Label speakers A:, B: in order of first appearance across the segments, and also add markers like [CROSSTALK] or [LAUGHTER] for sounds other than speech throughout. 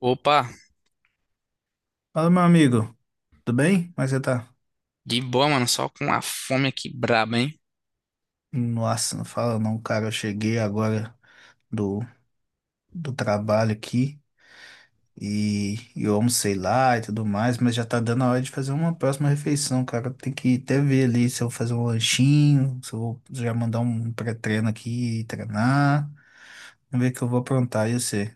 A: Opa,
B: Fala, meu amigo, tudo bem? Como é que você tá?
A: de boa, mano. Só com a fome aqui braba, hein?
B: Nossa, não fala não, cara. Eu cheguei agora do, do trabalho aqui e eu almocei lá e tudo mais, mas já tá dando a hora de fazer uma próxima refeição, cara. Tem que até ver ali se eu vou fazer um lanchinho, se eu vou já mandar um pré-treino aqui e treinar. Vamos ver o que eu vou aprontar, eu sei.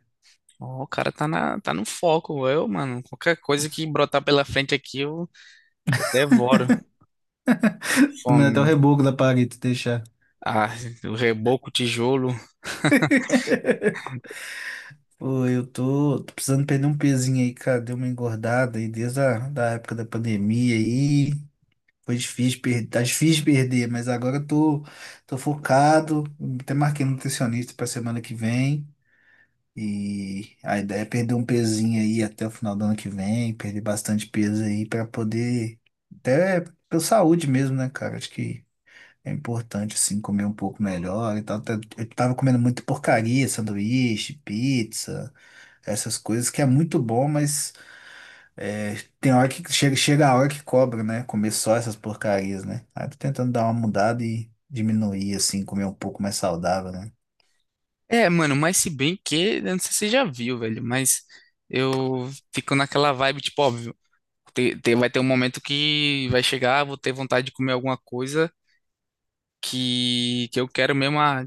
A: Ó, o cara tá, na, tá no foco. Eu, mano, qualquer coisa que brotar pela frente aqui, eu devoro. Fome,
B: Comendo até o
A: mano.
B: reboco da parede, se deixar.
A: Ah, o reboco, o tijolo. [LAUGHS]
B: [LAUGHS] Pô, eu tô precisando perder um pezinho aí, cara. Deu uma engordada aí desde a da época da pandemia aí. Foi difícil perder, tá difícil de perder, mas agora eu tô focado. Até marquei um nutricionista pra semana que vem. E a ideia é perder um pezinho aí até o final do ano que vem, perder bastante peso aí pra poder, até pela saúde mesmo, né, cara? Acho que é importante, assim, comer um pouco melhor e tal. Tá- Eu tava comendo muita porcaria, sanduíche, pizza, essas coisas, que é muito bom, mas. É, tem hora que chega, chega a hora que cobra, né? Comer só essas porcarias, né? Aí eu tô tentando dar uma mudada e diminuir, assim, comer um pouco mais saudável, né?
A: É, mano, mas se bem que, eu não sei se você já viu, velho, mas eu fico naquela vibe, tipo, óbvio, vai ter um momento que vai chegar, vou ter vontade de comer alguma coisa que eu quero mesmo, ah,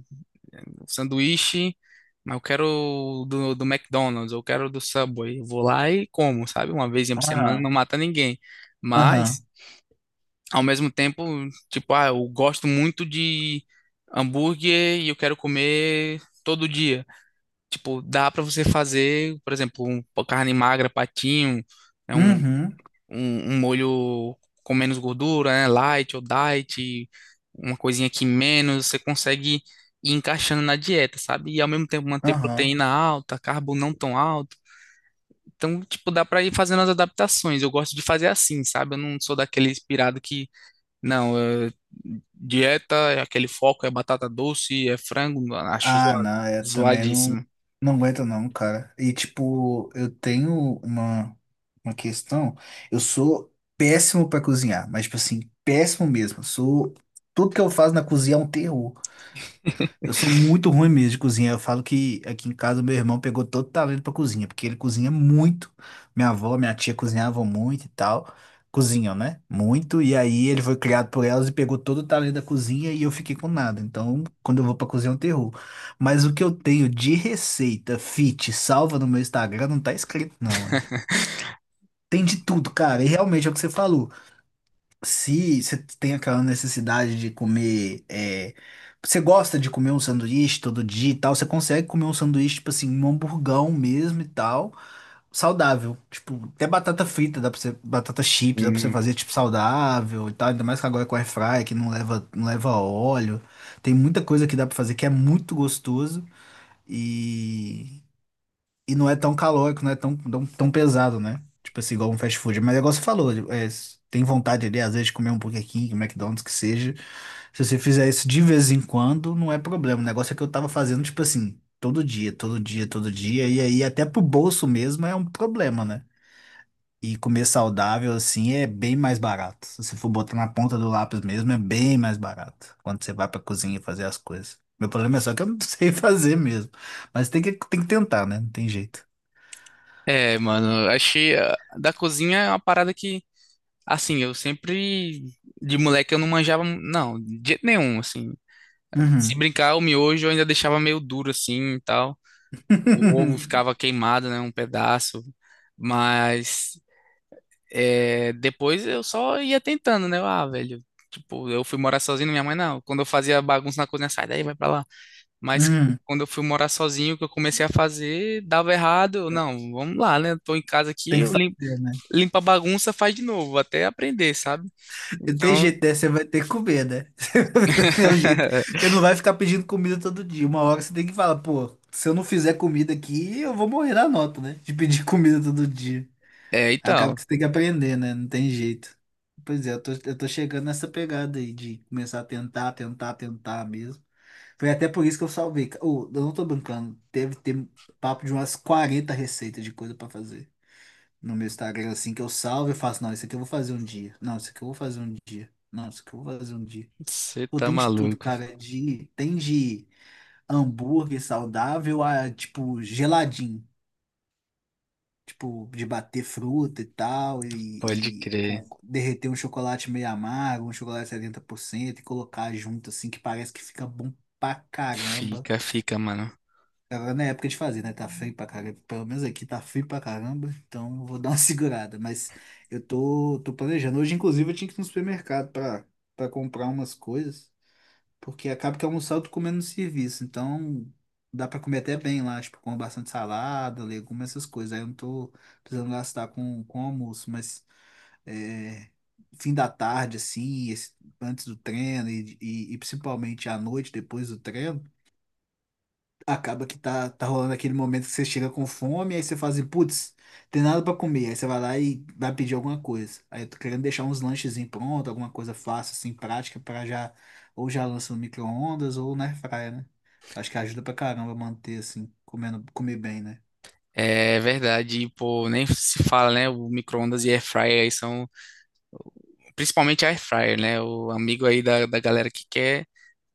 A: sanduíche, mas eu quero do McDonald's, eu quero do Subway. Eu vou lá e como, sabe? Uma vez por semana
B: Aham.
A: não mata ninguém.
B: Aham.
A: Mas, ao mesmo tempo, tipo, ah, eu gosto muito de hambúrguer e eu quero comer todo dia. Tipo, dá pra você fazer, por exemplo, uma carne magra, patinho, né, um
B: Uhum.
A: um, um molho com menos gordura, né? Light ou diet, uma coisinha que menos, você consegue ir encaixando na dieta, sabe? E ao mesmo tempo manter
B: Aham.
A: proteína alta, carbo não tão alto. Então, tipo, dá pra ir fazendo as adaptações. Eu gosto de fazer assim, sabe? Eu não sou daquele inspirado que, não, dieta, é aquele foco é batata doce, é frango, acho
B: Ah,
A: zoado,
B: não, eu também não,
A: zoadíssimo.
B: não aguento não, cara. E tipo, uma questão. Eu sou péssimo pra cozinhar, mas tipo assim, péssimo mesmo. Sou, tudo que eu faço na cozinha é um terror.
A: Hum.
B: Eu sou muito ruim mesmo de cozinha. Eu falo que aqui em casa meu irmão pegou todo o talento pra cozinha, porque ele cozinha muito. Minha avó, minha tia cozinhavam muito e tal. Cozinham, né? Muito. E aí ele foi criado por elas e pegou todo o talento da cozinha e eu fiquei com nada. Então, quando eu vou pra cozinha, é um terror. Mas o que eu tenho de receita fit salva no meu Instagram não tá escrito, não, hein?
A: [LAUGHS]
B: Tem de tudo, cara. E realmente é o que você falou. Se você tem aquela necessidade de comer, é, você gosta de comer um sanduíche todo dia e tal, você consegue comer um sanduíche, tipo assim, um hamburgão mesmo e tal, saudável. Tipo, até batata frita, dá pra você, batata chips, dá pra você fazer, tipo, saudável e tal, ainda mais que agora com air fry, que não leva óleo. Tem muita coisa que dá pra fazer que é muito gostoso e não é tão calórico, não é tão, tão, tão pesado, né? Tipo assim, igual um fast food. Mas é igual você falou, é, se tem vontade ali, às vezes, de comer um Burger King, McDonald's, que seja. Se você fizer isso de vez em quando, não é problema. O negócio é que eu tava fazendo, tipo assim, todo dia, todo dia, todo dia. E aí, até pro bolso mesmo, é um problema, né? E comer saudável, assim, é bem mais barato. Se você for botar na ponta do lápis mesmo, é bem mais barato. Quando você vai pra cozinha fazer as coisas. Meu problema é só que eu não [LAUGHS] sei fazer mesmo. Mas tem que tentar, né? Não tem jeito.
A: É, mano, achei ah, da cozinha é uma parada que assim, eu sempre, de moleque, eu não manjava, não, de jeito nenhum, assim. Se
B: Uhum.
A: brincar, o miojo eu ainda deixava meio duro, assim, e tal. O ovo
B: [LAUGHS]
A: ficava queimado, né, um pedaço. Mas, é, depois eu só ia tentando, né, eu, ah, velho. Tipo, eu fui morar sozinho, minha mãe, não. Quando eu fazia bagunça na cozinha, sai daí, vai pra lá. Mas
B: Uhum.
A: quando eu fui morar sozinho, que eu comecei a fazer, dava errado. Eu, não, vamos lá, né? Tô em casa aqui,
B: Tem que fazer, né?
A: limpa a bagunça, faz de novo, até aprender, sabe?
B: Não tem
A: Então,
B: jeito, né? Você vai ter que comer, né? [LAUGHS] É o jeito.
A: [LAUGHS]
B: Você não vai ficar pedindo comida todo dia. Uma hora você tem que falar, pô, se eu não fizer comida aqui, eu vou morrer na nota, né? De pedir [LAUGHS] comida todo dia.
A: é,
B: Acaba
A: então,
B: que você tem que aprender, né? Não tem jeito. Pois é, eu tô chegando nessa pegada aí de começar a tentar, tentar, tentar mesmo. Foi até por isso que eu salvei. Ô, eu não tô brincando. Deve ter papo de umas 40 receitas de coisa pra fazer. No meu Instagram, é assim, que eu salvo e faço, não, isso aqui eu vou fazer um dia. Não, isso aqui eu vou fazer um dia. Não, isso aqui eu vou fazer um dia.
A: você
B: Pô,
A: tá
B: tem de tudo,
A: maluco,
B: cara. Tem de hambúrguer saudável a, tipo, geladinho. Tipo, de bater fruta e tal,
A: pode
B: e
A: crer.
B: com- derreter um chocolate meio amargo, um chocolate 70% e colocar junto, assim, que parece que fica bom pra caramba.
A: Fica, fica, mano.
B: Agora não é época de fazer, né? Tá frio pra caramba. Pelo menos aqui tá frio pra caramba, então eu vou dar uma [LAUGHS] segurada. Mas eu tô planejando. Hoje, inclusive, eu tinha que ir no supermercado pra comprar umas coisas, porque acaba que almoçar eu tô comendo no serviço. Então dá pra comer até bem lá, tipo, com bastante salada, legumes, essas coisas. Aí eu não tô precisando gastar com almoço, mas é, fim da tarde, assim, esse- antes do treino e, e principalmente à noite, depois do treino acaba que tá rolando aquele momento que você chega com fome, aí você fala assim, putz, tem nada pra comer. Aí você vai lá e vai pedir alguma coisa. Aí eu tô querendo deixar uns lanchezinhos pronto, alguma coisa fácil, assim, prática, pra já, ou já lança no micro-ondas ou na airfryer, né? Acho que ajuda pra caramba manter, assim, comendo, comer bem, né?
A: É verdade, e, pô, nem se fala, né? O micro-ondas e air fryer aí são, principalmente a air fryer, né? O amigo aí da galera que quer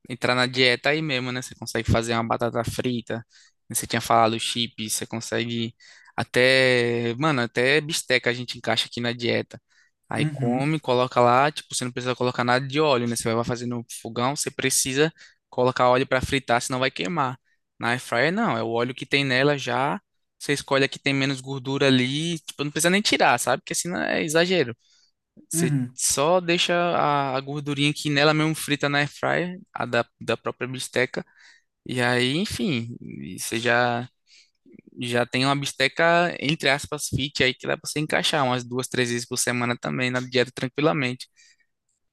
A: entrar na dieta aí mesmo, né? Você consegue fazer uma batata frita, né? Você tinha falado chips, você consegue até, mano, até bisteca a gente encaixa aqui na dieta. Aí
B: Uhum,
A: come, coloca lá, tipo, você não precisa colocar nada de óleo, né? Você vai fazer no fogão, você precisa colocar óleo para fritar, senão vai queimar. Na air fryer não, é o óleo que tem nela já. Você escolhe a que tem menos gordura ali, tipo, não precisa nem tirar, sabe? Porque senão é exagero. Você
B: uhum.
A: só deixa a gordurinha que nela mesmo frita na airfryer, a da própria bisteca. E aí, enfim, e você já tem uma bisteca, entre aspas, fit aí que dá pra você encaixar umas duas, três vezes por semana também na dieta tranquilamente.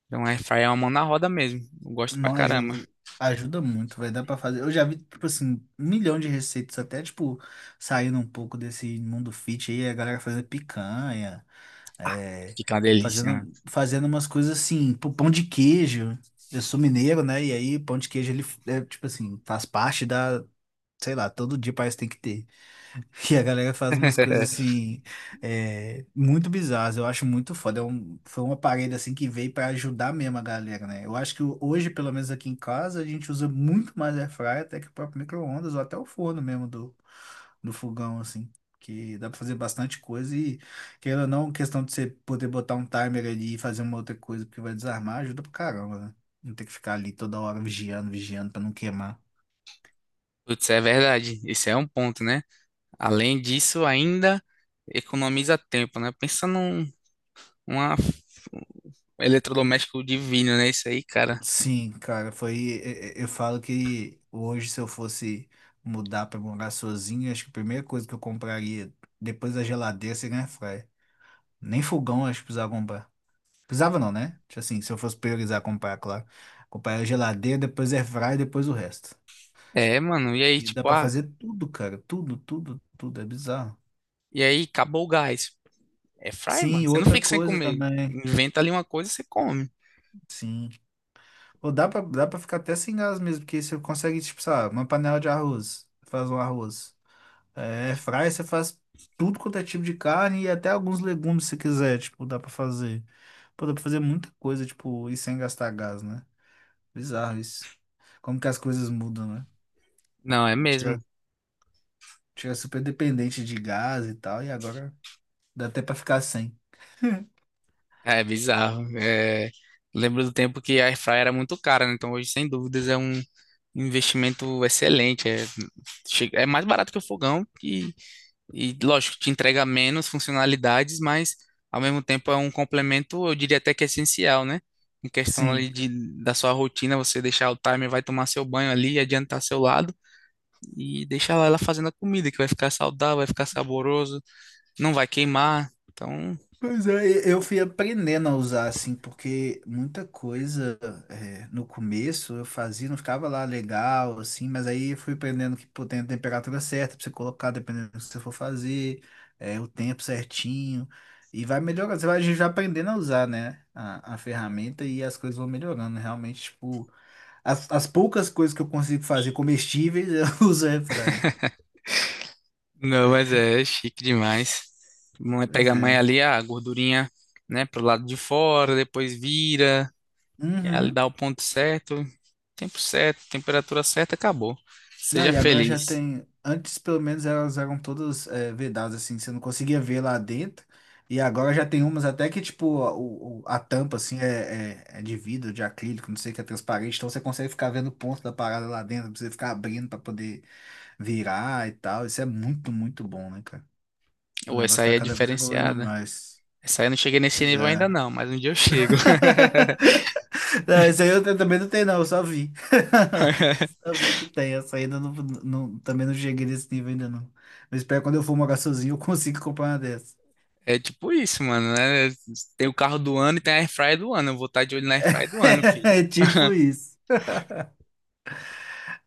A: Então, a airfryer é uma mão na roda mesmo. Eu gosto pra
B: Não
A: caramba.
B: ajuda, ajuda muito, vai dar pra fazer. Eu já vi, tipo assim, um milhão de receitas, até, tipo, saindo um pouco desse mundo fit aí, a galera fazendo picanha,
A: Ah,
B: é,
A: fica uma delícia, mano.
B: fazendo umas coisas assim, pô, pão de queijo. Eu sou mineiro, né? E aí, pão de queijo, ele, é, tipo assim, faz parte da, sei lá, todo dia parece que tem que ter. E a galera faz umas coisas
A: [LAUGHS]
B: assim, é, muito bizarras, eu acho muito foda. É um- foi uma parede assim que veio para ajudar mesmo a galera, né? Eu acho que hoje, pelo menos aqui em casa, a gente usa muito mais air fryer até que o próprio micro-ondas ou até o forno mesmo do fogão, assim. Que dá para fazer bastante coisa e, querendo ou não, questão de você poder botar um timer ali e fazer uma outra coisa porque vai desarmar, ajuda pra caramba, né? Não ter que ficar ali toda hora vigiando, vigiando para não queimar.
A: Putz, é verdade. Isso é um ponto, né? Além disso, ainda economiza tempo, né? Pensa num, uma, eletrodoméstico divino, né? Isso aí, cara.
B: Sim, cara, foi. E- Eu falo que hoje, se eu fosse mudar pra morar sozinho, acho que a primeira coisa que eu compraria depois da geladeira seria um air fryer. Nem fogão, acho que precisava comprar. Precisava não, né? Tipo assim, se eu fosse priorizar comprar, claro. Comprar a geladeira, depois air fryer, depois o resto.
A: É, mano. E aí,
B: E dá
A: tipo,
B: pra
A: ah,
B: fazer tudo, cara. Tudo, tudo, tudo. É bizarro.
A: e aí, acabou o gás. É fryer, mano.
B: Sim,
A: Você não
B: outra
A: fica sem
B: coisa
A: comer.
B: também.
A: Inventa ali uma coisa e você come.
B: Sim. Ou dá pra ficar até sem gás mesmo, porque você consegue, tipo, sabe, uma panela de arroz. Faz um arroz. É, fry você faz tudo quanto é tipo de carne e até alguns legumes se quiser, tipo, dá pra fazer. Pô, dá pra fazer muita coisa, tipo, e sem gastar gás, né? Bizarro isso. Como que as coisas mudam, né?
A: Não, é mesmo.
B: Tira, tira super dependente de gás e tal, e agora dá até pra ficar sem. [LAUGHS]
A: É bizarro. É... Lembro do tempo que a air fryer era muito cara, né? Então hoje, sem dúvidas, é um investimento excelente. É, chega- é mais barato que o fogão e lógico, te entrega menos funcionalidades, mas ao mesmo tempo é um complemento, eu diria até que essencial, né? Em questão ali
B: Sim.
A: de, da sua rotina, você deixar o timer, vai tomar seu banho ali, adiantar seu lado e deixar lá ela fazendo a comida, que vai ficar saudável, vai ficar saboroso, não vai queimar. Então,
B: Pois é, e- eu fui aprendendo a usar assim, porque muita coisa é, no começo eu fazia, não ficava lá legal, assim, mas aí eu fui aprendendo que pô, tem a temperatura certa pra você colocar, dependendo do que você for fazer, é, o tempo certinho, e vai melhorando, você vai a gente vai aprendendo a usar, né, a ferramenta e as coisas vão melhorando, realmente, tipo, as poucas coisas que eu consigo fazer comestíveis [LAUGHS] eu uso airfryer.
A: não, mas é chique demais. Mãe
B: Pois
A: pega a mãe
B: é.
A: ali, a gordurinha, né, pro lado de fora, depois vira, e ali
B: Uhum.
A: dá o ponto certo, tempo certo, temperatura certa, acabou.
B: Não,
A: Seja
B: e agora já
A: feliz.
B: tem. Antes, pelo menos, elas eram todas é, vedadas, assim, você não conseguia ver lá dentro. E agora já tem umas até que, tipo, a, o- a tampa, assim, é de vidro, de acrílico, não sei, que é transparente. Então você consegue ficar vendo o ponto da parada lá dentro, não precisa ficar abrindo pra poder virar e tal. Isso é muito, muito bom, né, cara? O
A: Ou essa
B: negócio
A: aí
B: tá
A: é
B: cada vez evoluindo
A: diferenciada.
B: mais.
A: Essa aí eu não cheguei nesse
B: Pois
A: nível ainda
B: é.
A: não, mas um dia eu chego.
B: [LAUGHS] Não, isso aí eu te- também não tenho, não, eu só vi. [LAUGHS]
A: [LAUGHS]
B: Só vi que tem, essa ainda não, não- também não cheguei nesse nível ainda não. Eu espero que quando eu for morar sozinho eu consigo comprar uma dessa.
A: É tipo isso, mano, né? Tem o carro do ano e tem a airfryer do ano. Eu vou estar de olho na airfryer do ano,
B: [LAUGHS]
A: filho.
B: É tipo isso.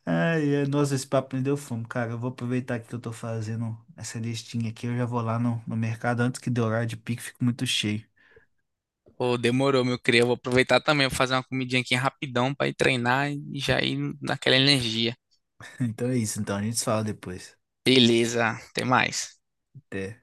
B: Ai, ai, nossa, esse papo me deu fome, cara. Eu vou aproveitar que eu tô fazendo essa listinha aqui, eu já vou lá no mercado antes que dê horário de pico, fico muito cheio.
A: Pô, demorou, meu cria. Eu vou aproveitar também, vou fazer uma comidinha aqui rapidão pra ir treinar e já ir naquela energia.
B: [LAUGHS] Então é isso, então a gente se fala depois.
A: Beleza, até mais.
B: Até.